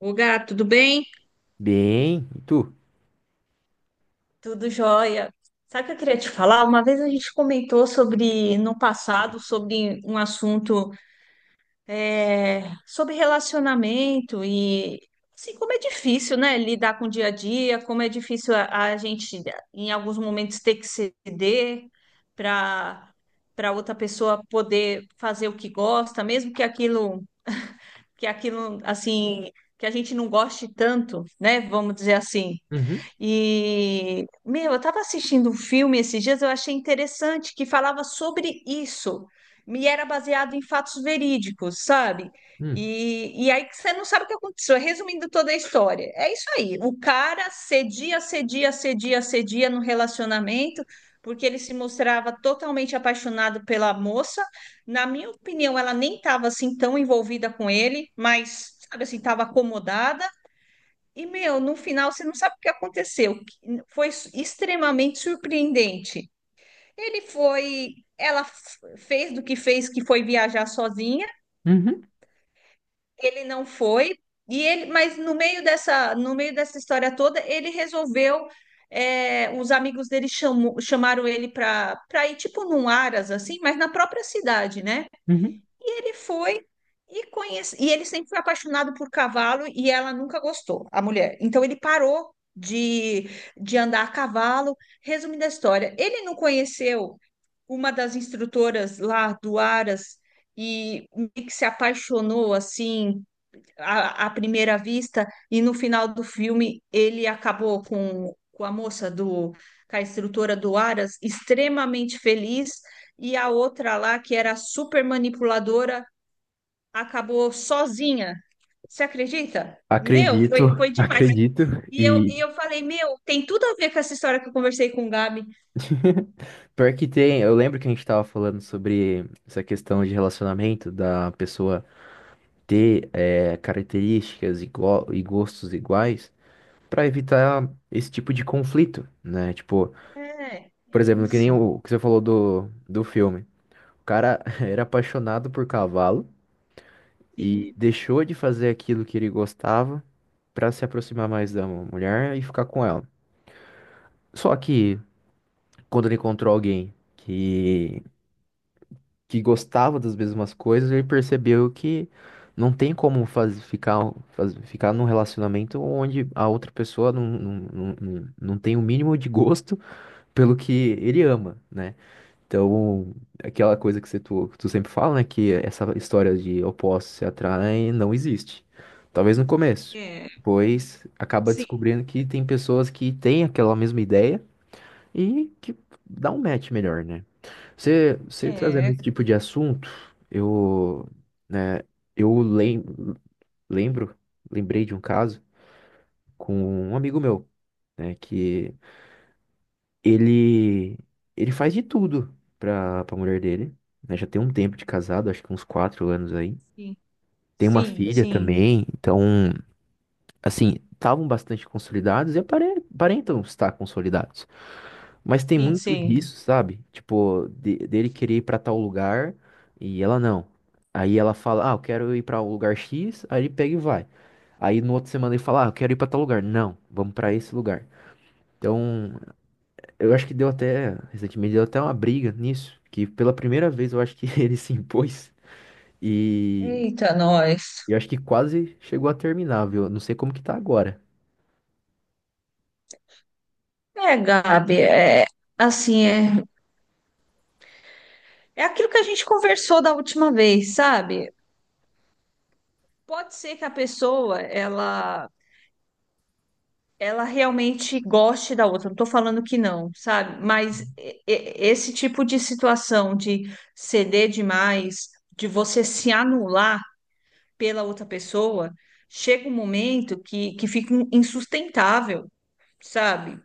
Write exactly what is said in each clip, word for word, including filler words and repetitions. Ô, gato, tudo bem? Bem, e tu? Tudo jóia. Sabe o que eu queria te falar? Uma vez a gente comentou sobre, no passado, sobre um assunto, é, sobre relacionamento e assim, como é difícil, né, lidar com o dia a dia, como é difícil a, a gente, em alguns momentos, ter que ceder para para outra pessoa poder fazer o que gosta, mesmo que aquilo, que aquilo, assim, que a gente não goste tanto, né, vamos dizer assim. Uhum, E, meu, eu estava assistindo um filme esses dias, eu achei interessante, que falava sobre isso, e era baseado em fatos verídicos, sabe? uhum, E, e aí que você não sabe o que aconteceu. Resumindo toda a história, é isso aí. O cara cedia, cedia, cedia, cedia no relacionamento, porque ele se mostrava totalmente apaixonado pela moça. Na minha opinião, ela nem estava assim tão envolvida com ele, mas, sabe assim, estava acomodada. E, meu, no final você não sabe o que aconteceu. Que Foi s- extremamente surpreendente. Ele foi, ela f- fez do que fez, que foi viajar sozinha. uhum, Ele não foi. E ele, mas no meio dessa, no meio dessa história toda, ele resolveu. É, os amigos dele chamou- chamaram ele para para ir tipo num aras assim, mas na própria cidade, né? uhum. E ele foi e conhece... e ele sempre foi apaixonado por cavalo e ela nunca gostou, a mulher. Então ele parou de, de andar a cavalo. Resumindo a história, ele não conheceu uma das instrutoras lá do Aras e meio que se apaixonou assim à, à primeira vista, e no final do filme ele acabou com, com a moça do com a instrutora do Aras extremamente feliz, e a outra lá que era super manipuladora acabou sozinha. Você acredita? Meu, Acredito, foi, foi demais. acredito. E eu, E e eu falei, meu, tem tudo a ver com essa história que eu conversei com o Gabi. pior que tem, eu lembro que a gente tava falando sobre essa questão de relacionamento, da pessoa ter eh, características igual, e gostos iguais, pra evitar esse tipo de conflito, né? Tipo, É, por exemplo, que nem isso. o que você falou do, do filme. O cara era apaixonado por cavalo e Sim. deixou de fazer aquilo que ele gostava pra se aproximar mais da mulher e ficar com ela. Só que quando ele encontrou alguém que, que gostava das mesmas coisas, ele percebeu que não tem como faz, ficar, faz, ficar num relacionamento onde a outra pessoa não, não, não, não não tem o mínimo de gosto pelo que ele ama, né? Então, aquela coisa que você, tu, tu sempre fala, né? Que essa história de opostos se atraem não existe. Talvez no começo. É, Pois acaba sim. descobrindo que tem pessoas que têm aquela mesma ideia e que dá um match melhor, né? Você, você trazendo É, esse tipo de assunto, eu, né, eu lem, lembro, lembrei de um caso com um amigo meu, né, que ele, ele faz de tudo pra, pra mulher dele, né? Já tem um tempo de casado, acho que uns quatro anos aí. sim. Tem uma Sim, filha sim, também, então, assim, estavam bastante consolidados e apare- aparentam estar consolidados. Mas tem sim, muito sim. disso, sabe? Tipo, de- dele querer ir pra tal lugar e ela não. Aí ela fala, ah, eu quero ir pra um lugar X, aí ele pega e vai. Aí no outro semana ele fala, ah, eu quero ir pra tal lugar. Não, vamos pra esse lugar. Então, eu acho que deu até, recentemente deu até uma briga nisso, que pela primeira vez eu acho que ele se impôs e Eita, nós. eu acho que quase chegou a terminar, viu? Eu não sei como que tá agora. É, Gabi, é assim, é, é aquilo que a gente conversou da última vez, sabe? Pode ser que a pessoa, ela ela realmente goste da outra. Não estou falando que não, sabe? Mas e- e- esse tipo de situação de ceder demais, de você se anular pela outra pessoa, chega um momento que, que fica insustentável, sabe?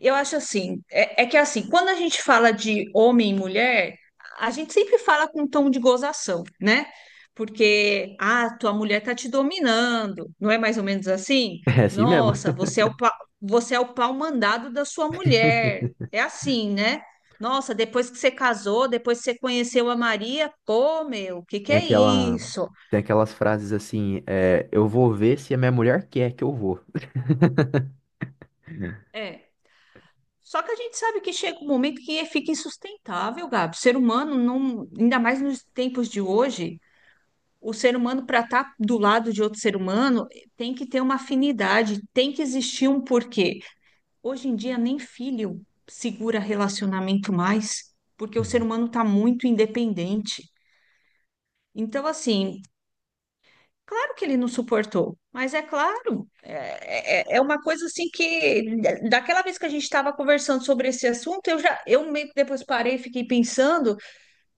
Eu acho assim, é, é que assim, quando a gente fala de homem e mulher, a gente sempre fala com um tom de gozação, né? Porque, ah, tua mulher tá te dominando, não é mais ou menos assim? É assim mesmo. Nossa, você é o, pa- você é o pau mandado da sua mulher. É assim, né? Nossa, depois que você casou, depois que você conheceu a Maria, pô, meu, o que que Tem é aquela, isso? tem aquelas frases assim, é, eu vou ver se a minha mulher quer que eu vou. É. Só que a gente sabe que chega um momento que fica insustentável, Gabi. O ser humano, não, ainda mais nos tempos de hoje, o ser humano, para estar do lado de outro ser humano, tem que ter uma afinidade, tem que existir um porquê. Hoje em dia, nem filho segura relacionamento mais, porque o ser Uhum. humano está muito independente. Então, assim, claro que ele não suportou, mas é claro, é, é, é uma coisa assim que, daquela vez que a gente estava conversando sobre esse assunto, eu já, eu meio que depois parei e fiquei pensando.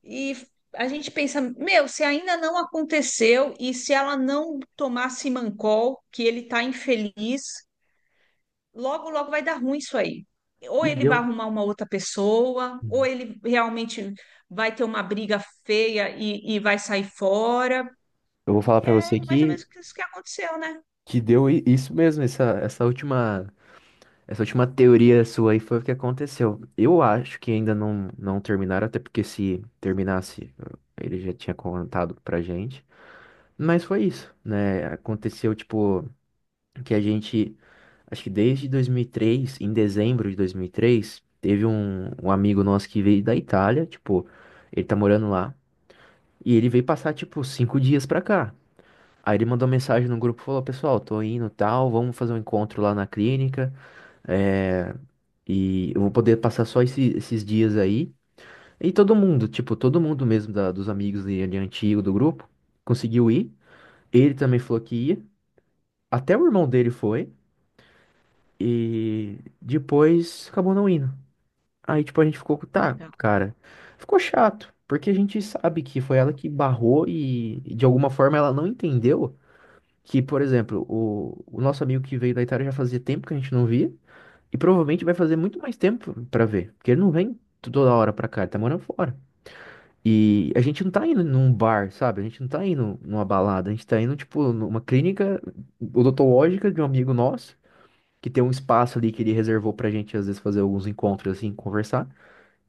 E a gente pensa, meu, se ainda não aconteceu e se ela não tomar Simancol, que ele tá infeliz, logo, logo vai dar ruim isso aí. Ou E ele vai deu. arrumar uma outra pessoa, ou Uhum. ele realmente vai ter uma briga feia e, e vai sair fora. Eu vou falar E pra é você mais ou que, menos isso que aconteceu, né? que deu i- isso mesmo, essa, essa última, essa última teoria sua aí foi o que aconteceu. Eu acho que ainda não, não terminaram, até porque se terminasse, ele já tinha contado pra gente. Mas foi isso, né? Aconteceu, tipo, que a gente, acho que desde dois mil e três, em dezembro de dois mil e três, teve um, um, amigo nosso que veio da Itália, tipo, ele tá morando lá, e ele veio passar, tipo, cinco dias pra cá. Aí ele mandou mensagem no grupo, falou, pessoal, tô indo, tal, vamos fazer um encontro lá na clínica, é, e eu vou poder passar só esse- esses dias aí. E todo mundo, tipo, todo mundo mesmo da- dos amigos dele, antigo do grupo, conseguiu ir. Ele também falou que ia. Até o irmão dele foi. E depois acabou não indo. Aí, tipo, a gente ficou, tá, Então, cara, ficou chato, porque a gente sabe que foi ela que barrou e, de alguma forma ela não entendeu que, por exemplo, o, o nosso amigo que veio da Itália já fazia tempo que a gente não via e provavelmente vai fazer muito mais tempo pra ver, porque ele não vem toda hora pra cá, ele tá morando fora. E a gente não tá indo num bar, sabe? A gente não tá indo numa balada, a gente tá indo, tipo, numa clínica odontológica de um amigo nosso que tem um espaço ali que ele reservou pra gente, às vezes, fazer alguns encontros, assim, conversar.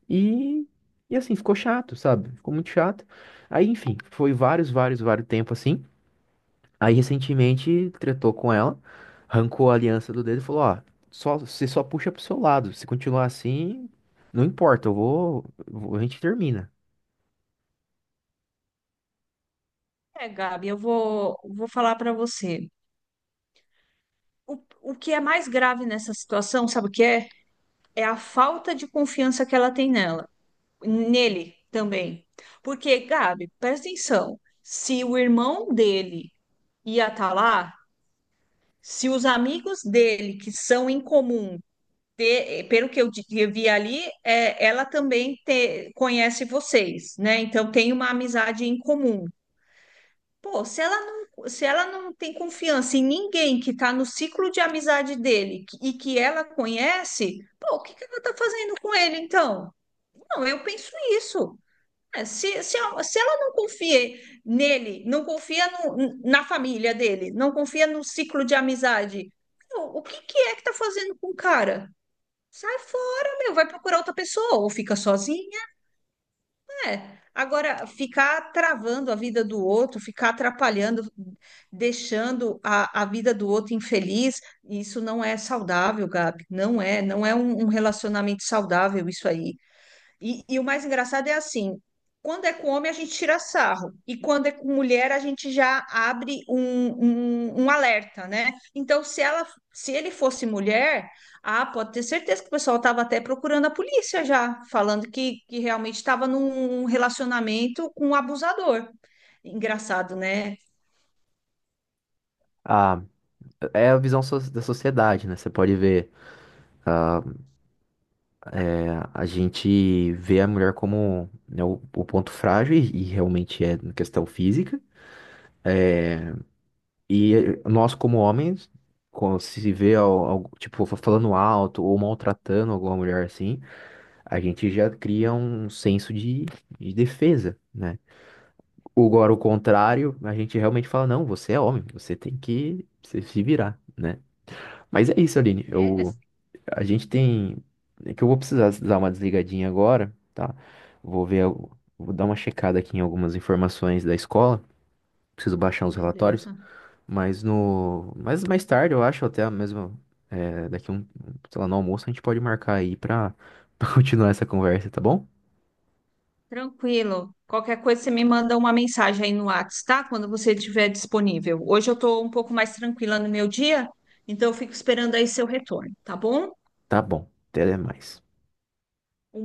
E, e assim, ficou chato, sabe? Ficou muito chato. Aí, enfim, foi vários, vários, vários tempo assim. Aí, recentemente, tretou com ela, arrancou a aliança do dedo e falou: Ó, só, você só puxa pro seu lado. Se continuar assim, não importa, eu vou, eu vou- a gente termina. é, Gabi, eu vou, vou falar para você. O, o que é mais grave nessa situação, sabe o que é? É a falta de confiança que ela tem nela. Nele também. Porque, Gabi, presta atenção, se o irmão dele ia estar lá, se os amigos dele, que são em comum, te- pelo que eu di- eu vi ali, é, ela também te- conhece vocês, né? Então tem uma amizade em comum. Pô, se ela não, se ela não tem confiança em ninguém que está no ciclo de amizade dele que- e que ela conhece, pô, o que que ela está fazendo com ele então? Não, eu penso isso. É, Se, se, a- se ela não confia nele, não confia no- na família dele, não confia no ciclo de amizade, meu, o que que é que tá fazendo com o cara? Sai fora, meu, vai procurar outra pessoa, ou fica sozinha, né? Agora, ficar travando a vida do outro, ficar atrapalhando, deixando a, a vida do outro infeliz, isso não é saudável, Gabi. Não é, não é um um relacionamento saudável isso aí. E, e o mais engraçado é assim, quando é com homem a gente tira sarro, e quando é com mulher a gente já abre um, um, um alerta, né? Então, se ela, se ele fosse mulher, ah, pode ter certeza que o pessoal estava até procurando a polícia já, falando que, que realmente estava num relacionamento com um abusador. Engraçado, né? Ah, é a visão so- da sociedade, né? Você pode ver. ah, A a gente vê a mulher como, né, o, o ponto frágil, e, e realmente é na questão física. E eh, nós, como homens, quando se vê, al- al- tipo, fa- falando alto ou maltratando alguma mulher assim, a gente já cria um senso de, de defesa, né? Agora, o contrário, a gente realmente fala, não, você é homem, você tem que se se virar, né? Mas é isso, Aline. É, Eu A gente tem. É que eu vou precisar dar uma desligadinha agora, tá? Vou ver. al- Vou dar uma checada aqui em algumas informações da escola. Preciso baixar os relatórios. beleza. Mas no. Mas mais tarde, eu acho, até mesmo. é, daqui um. Sei lá, no almoço, a gente pode marcar aí pra, pra continuar essa conversa, tá bom? Tranquilo. Qualquer coisa, você me manda uma mensagem aí no WhatsApp, tá? Quando você estiver disponível. Hoje eu estou um pouco mais tranquila no meu dia, então eu fico esperando aí seu retorno, tá bom? Tá bom. Até mais. Um